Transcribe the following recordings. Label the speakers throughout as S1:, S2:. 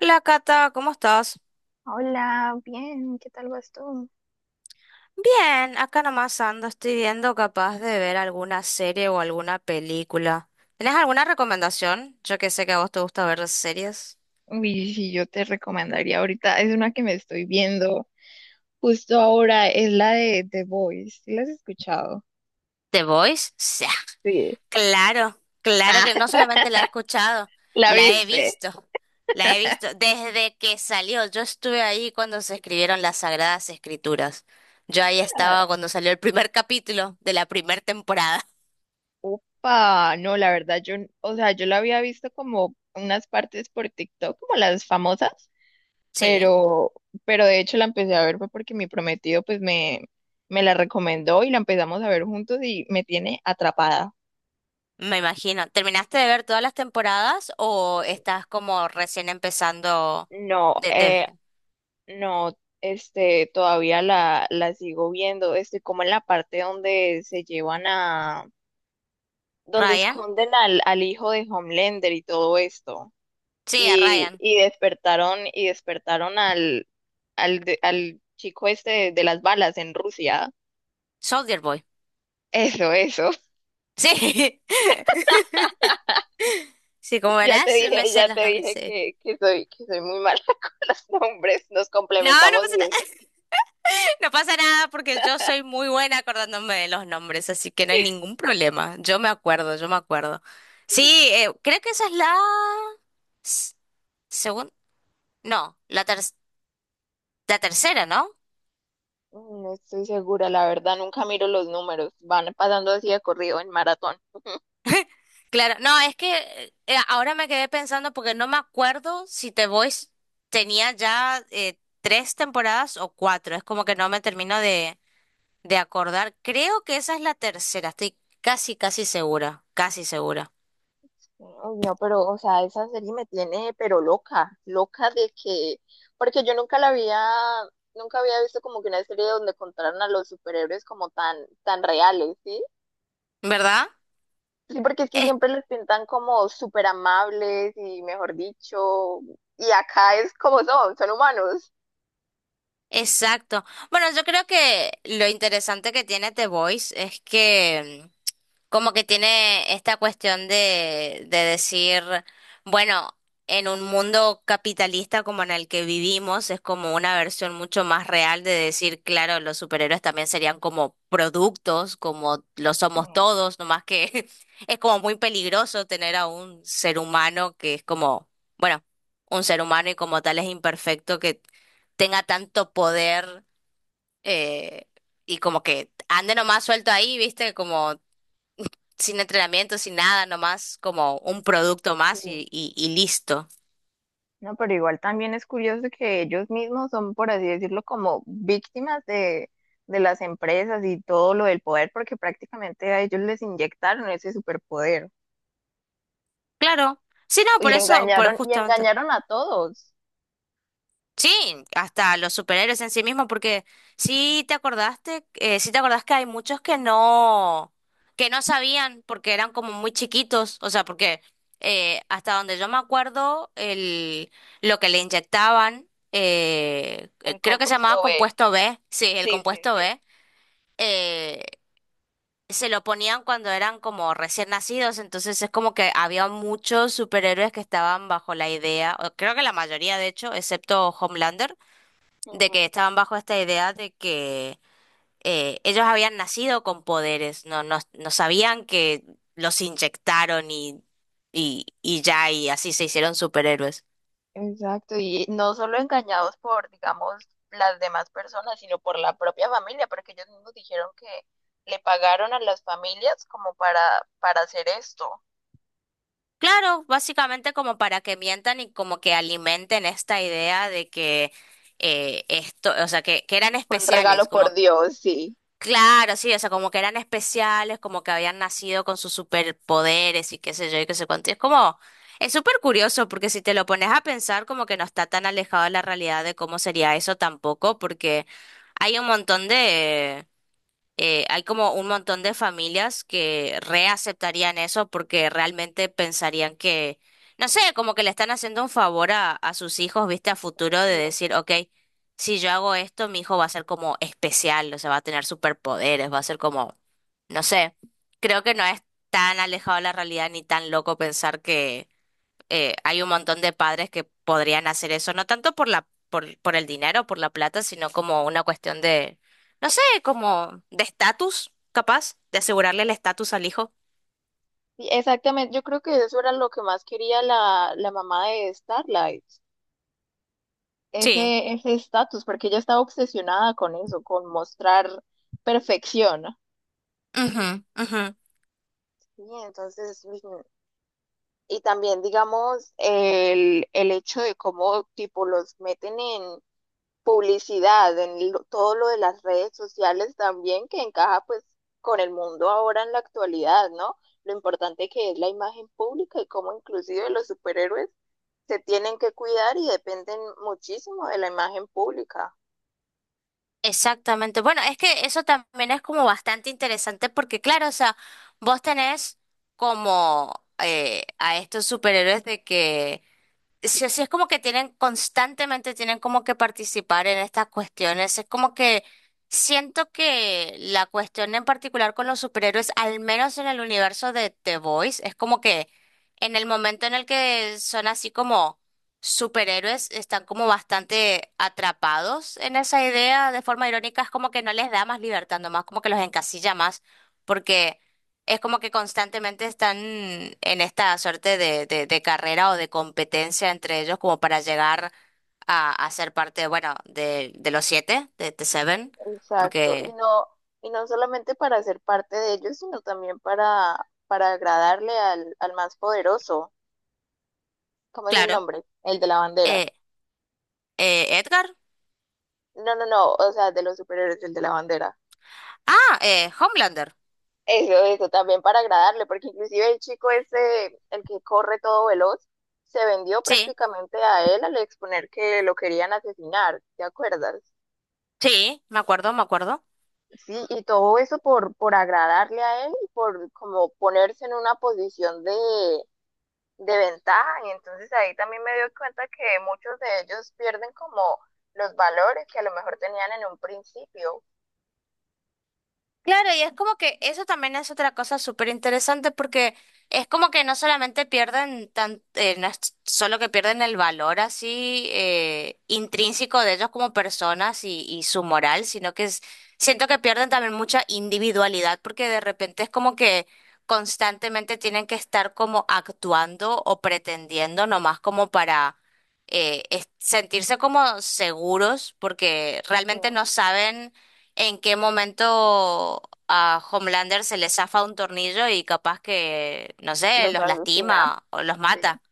S1: Hola Cata, ¿cómo estás?
S2: Hola, bien, ¿qué tal vas tú?
S1: Bien, acá nomás ando, estoy viendo capaz de ver alguna serie o alguna película. ¿Tenés alguna recomendación? Yo que sé que a vos te gusta ver series.
S2: Y si yo te recomendaría ahorita, es una que me estoy viendo justo ahora, es la de The Voice. ¿Sí la has escuchado?
S1: ¿The Voice? Sí,
S2: Sí.
S1: claro, claro
S2: Ah,
S1: que no solamente la he escuchado,
S2: ¿la
S1: la he
S2: viste?
S1: visto, la he visto desde que salió. Yo estuve ahí cuando se escribieron las Sagradas Escrituras. Yo ahí
S2: Ah,
S1: estaba cuando salió el primer capítulo de la primera temporada.
S2: upa, no, la verdad, yo, o sea, yo la había visto como unas partes por TikTok, como las famosas,
S1: Sí.
S2: pero, pero de hecho la empecé a ver fue porque mi prometido pues me la recomendó y la empezamos a ver juntos y me tiene atrapada.
S1: Me imagino. ¿Terminaste de ver todas las temporadas o estás como recién empezando
S2: No,
S1: de
S2: no, este, todavía la sigo viendo, este, como en la parte donde se llevan a, donde
S1: Ryan?
S2: esconden al, al hijo de Homelander y todo esto.
S1: Sí, a Ryan.
S2: Y despertaron al, al chico este de las balas en Rusia.
S1: Soldier Boy.
S2: Eso, eso.
S1: Sí, sí, como verás, me sé
S2: Ya te
S1: los nombres,
S2: dije
S1: sí.
S2: que soy muy mala con los nombres, nos
S1: No, no
S2: complementamos
S1: pasa
S2: bien.
S1: nada. No pasa nada porque yo soy muy buena acordándome de los nombres, así que no hay ningún problema. Yo me acuerdo, yo me acuerdo. Sí, creo que esa es la s- segun- no, la la tercera, ¿no?
S2: No estoy segura, la verdad, nunca miro los números, van pasando así de corrido en maratón.
S1: Claro, no, es que ahora me quedé pensando porque no me acuerdo si The Voice tenía ya tres temporadas o cuatro, es como que no me termino de acordar. Creo que esa es la tercera, estoy casi, casi segura,
S2: Uy, no, pero, o sea, esa serie me tiene, pero loca, loca de que, porque yo nunca la había, nunca había visto como que una serie donde contaran a los superhéroes como tan, tan reales, ¿sí?
S1: ¿verdad?
S2: Sí, porque es que
S1: Es-
S2: siempre los pintan como súper amables y mejor dicho, y acá es como son, son humanos.
S1: exacto. Bueno, yo creo que lo interesante que tiene The Voice es que... Como que tiene esta cuestión de decir, bueno, en un mundo capitalista como en el que vivimos, es como una versión mucho más real de decir, claro, los superhéroes también serían como productos, como lo somos
S2: Mm,
S1: todos, nomás que es como muy peligroso tener a un ser humano que es como, bueno, un ser humano y como tal es imperfecto, que tenga tanto poder eh, y como que ande nomás suelto ahí, ¿viste? Como sin entrenamiento, sin nada, nomás como un
S2: mm.
S1: producto
S2: Sí,
S1: más y listo.
S2: no, pero igual también es curioso que ellos mismos son, por así decirlo, como víctimas de las empresas y todo lo del poder, porque prácticamente a ellos les inyectaron ese superpoder
S1: Claro. Sí, no, por eso, por
S2: y
S1: justamente.
S2: engañaron a todos.
S1: Sí, hasta los superhéroes en sí mismos, porque sí te acordaste, sí te acordás que hay muchos que no sabían porque eran como muy chiquitos, o sea, porque hasta donde yo me acuerdo, el, lo que le inyectaban,
S2: En
S1: creo que se llamaba
S2: compuesto B.
S1: compuesto B, sí, el
S2: Sí, sí,
S1: compuesto
S2: sí.
S1: B, eh, se lo ponían cuando eran como recién nacidos, entonces es como que había muchos superhéroes que estaban bajo la idea, o creo que la mayoría de hecho, excepto Homelander, de que
S2: Ujú.
S1: estaban bajo esta idea de que ellos habían nacido con poderes, no, no, no sabían que los inyectaron y ya, y así se hicieron superhéroes.
S2: Exacto, y no solo engañados por, digamos, las demás personas, sino por la propia familia, porque ellos mismos dijeron que le pagaron a las familias como para hacer esto.
S1: Claro, básicamente como para que mientan y como que alimenten esta idea de que esto, o sea, que eran
S2: Fue un
S1: especiales,
S2: regalo por
S1: como.
S2: Dios, sí.
S1: Claro, sí, o sea, como que eran especiales, como que habían nacido con sus superpoderes y qué sé yo y qué sé cuánto. Y es como, es súper curioso porque si te lo pones a pensar, como que no está tan alejado de la realidad de cómo sería eso tampoco, porque hay un montón de hay como un montón de familias que reaceptarían eso porque realmente pensarían que, no sé, como que le están haciendo un favor a sus hijos, viste, a futuro de
S2: No.
S1: decir, ok, si yo hago esto, mi hijo va a ser como especial, o sea, va a tener superpoderes, va a ser como, no sé, creo que no es tan alejado de la realidad ni tan loco pensar que hay un montón de padres que podrían hacer eso, no tanto por la, por el dinero, por la plata, sino como una cuestión de, no sé, como de estatus, capaz, de asegurarle el estatus al hijo.
S2: Sí, exactamente, yo creo que eso era lo que más quería la, la mamá de Starlight,
S1: Sí.
S2: ese ese estatus, porque ella estaba obsesionada con eso, con mostrar perfección.
S1: Ujú, ujú.
S2: Sí, entonces, y también digamos el hecho de cómo tipo los meten en, publicidad, en lo- todo lo de las redes sociales también, que encaja pues con el mundo ahora en la actualidad, ¿no? Lo importante que es la imagen pública y cómo inclusive los superhéroes se tienen que cuidar y dependen muchísimo de la imagen pública.
S1: Exactamente. Bueno, es que eso también es como bastante interesante porque, claro, o sea, vos tenés como a estos superhéroes de que sí, sí, es como que tienen constantemente, tienen como que participar en estas cuestiones. Es como que siento que la cuestión en particular con los superhéroes, al menos en el universo de The Boys, es como que en el momento en el que son así como superhéroes, están como bastante atrapados en esa idea de forma irónica. Es como que no les da más libertad, nomás como que los encasilla más, porque es como que constantemente están en esta suerte de carrera o de competencia entre ellos como para llegar a ser parte, bueno, de los siete, de The Seven,
S2: Exacto.
S1: porque,
S2: Y no solamente para ser parte de ellos, sino también para agradarle al, al más poderoso. ¿Cómo es el
S1: claro,
S2: nombre? El de la bandera.
S1: eh, Edgar.
S2: No, no, no, o sea, de los superhéroes, el de la bandera.
S1: Ah, Homelander.
S2: Eso también para agradarle, porque inclusive el chico ese, el que corre todo veloz, se vendió
S1: Sí,
S2: prácticamente a él al exponer que lo querían asesinar, ¿te acuerdas?
S1: sí, me acuerdo, me acuerdo.
S2: Sí, y todo eso por agradarle a él y por como ponerse en una posición de ventaja. Y entonces ahí también me doy cuenta que muchos de ellos pierden como los valores que a lo mejor tenían en un principio.
S1: Claro, y es como que eso también es otra cosa súper interesante porque es como que no solamente pierden tan, no es solo que pierden el valor así intrínseco de ellos como personas y su moral, sino que siento que pierden también mucha individualidad porque de repente es como que constantemente tienen que estar como actuando o pretendiendo nomás como para sentirse como seguros porque realmente
S2: Mm,
S1: no saben en qué momento a Homelander se le zafa un tornillo y capaz que, no sé,
S2: los
S1: los
S2: asesina.
S1: lastima o los
S2: Sí.
S1: mata.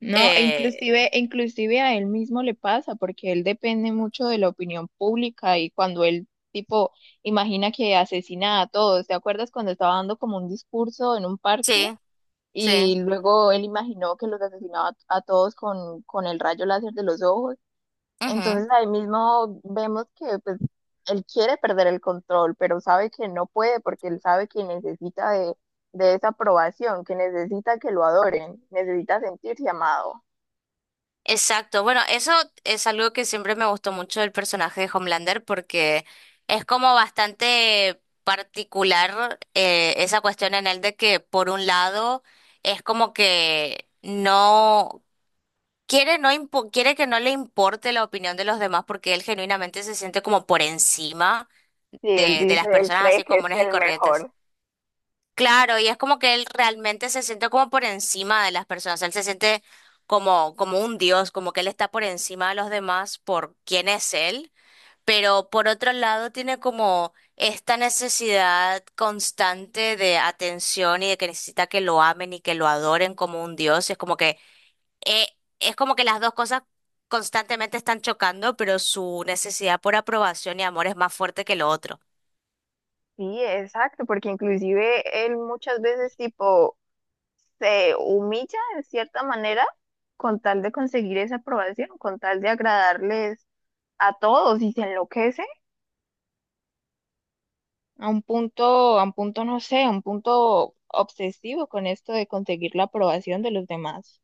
S2: No,
S1: Eh,
S2: e inclusive a él mismo le pasa, porque él depende mucho de la opinión pública y cuando él, tipo, imagina que asesina a todos, ¿te acuerdas cuando estaba dando como un discurso en un parque
S1: sí, sí.
S2: y luego él imaginó que los asesinaba a todos con el rayo láser de los ojos?
S1: Ujú.
S2: Entonces ahí mismo vemos que pues él quiere perder el control, pero sabe que no puede porque él sabe que necesita de esa aprobación, que necesita que lo adoren, necesita sentirse amado.
S1: Exacto. Bueno, eso es algo que siempre me gustó mucho del personaje de Homelander porque es como bastante particular esa cuestión en él de que por un lado es como que no quiere, no quiere que no le importe la opinión de los demás porque él genuinamente se siente como por encima
S2: Sí, él
S1: de
S2: dice,
S1: las
S2: él
S1: personas
S2: cree
S1: así
S2: que es
S1: comunes y
S2: el
S1: corrientes.
S2: mejor.
S1: Claro, y es como que él realmente se siente como por encima de las personas. Él se siente como, como un dios, como que él está por encima de los demás por quién es él. Pero por otro lado tiene como esta necesidad constante de atención y de que necesita que lo amen y que lo adoren como un dios. Eh, es como que las dos cosas constantemente están chocando, pero su necesidad por aprobación y amor es más fuerte que lo otro.
S2: Sí, exacto, porque inclusive él muchas veces tipo se humilla de cierta manera con tal de conseguir esa aprobación, con tal de agradarles a todos y se enloquece a un punto, no sé, a un punto obsesivo con esto de conseguir la aprobación de los demás.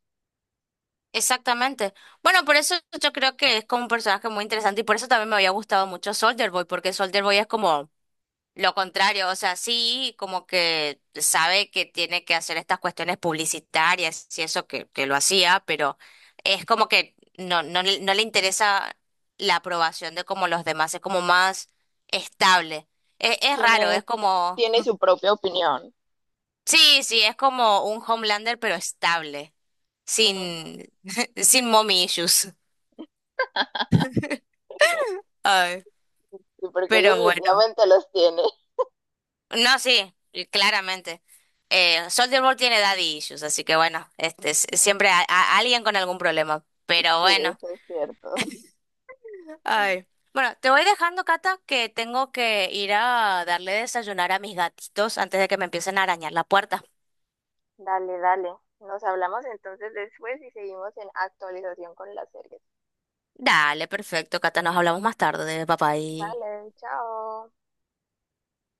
S1: Exactamente. Bueno, por eso yo creo que es como un personaje muy interesante y por eso también me había gustado mucho Soldier Boy, porque Soldier Boy es como lo contrario, o sea, sí, como que sabe que tiene que hacer estas cuestiones publicitarias y eso que lo hacía, pero es como que no, no, no le interesa la aprobación de como los demás, es como más estable. Es raro, es
S2: Tiene,
S1: como,
S2: tiene su propia opinión.
S1: sí, sí, es como un Homelander, pero estable,
S2: Ujú.
S1: sin, sin mommy issues. Ay,
S2: Sí, porque él
S1: pero bueno.
S2: definitivamente los tiene.
S1: No, sí, claramente. Soldier Boy tiene daddy issues, así que bueno, este,
S2: Ujú.
S1: siempre a, alguien con algún problema. Pero
S2: Sí,
S1: bueno.
S2: eso es cierto.
S1: Ay. Bueno, te voy dejando, Cata, que tengo que ir a darle desayunar a mis gatitos antes de que me empiecen a arañar la puerta.
S2: Dale, dale. Nos hablamos entonces después y seguimos en actualización con las series.
S1: Dale, perfecto, Cata, nos hablamos más tarde, papá y...
S2: Vale, chao.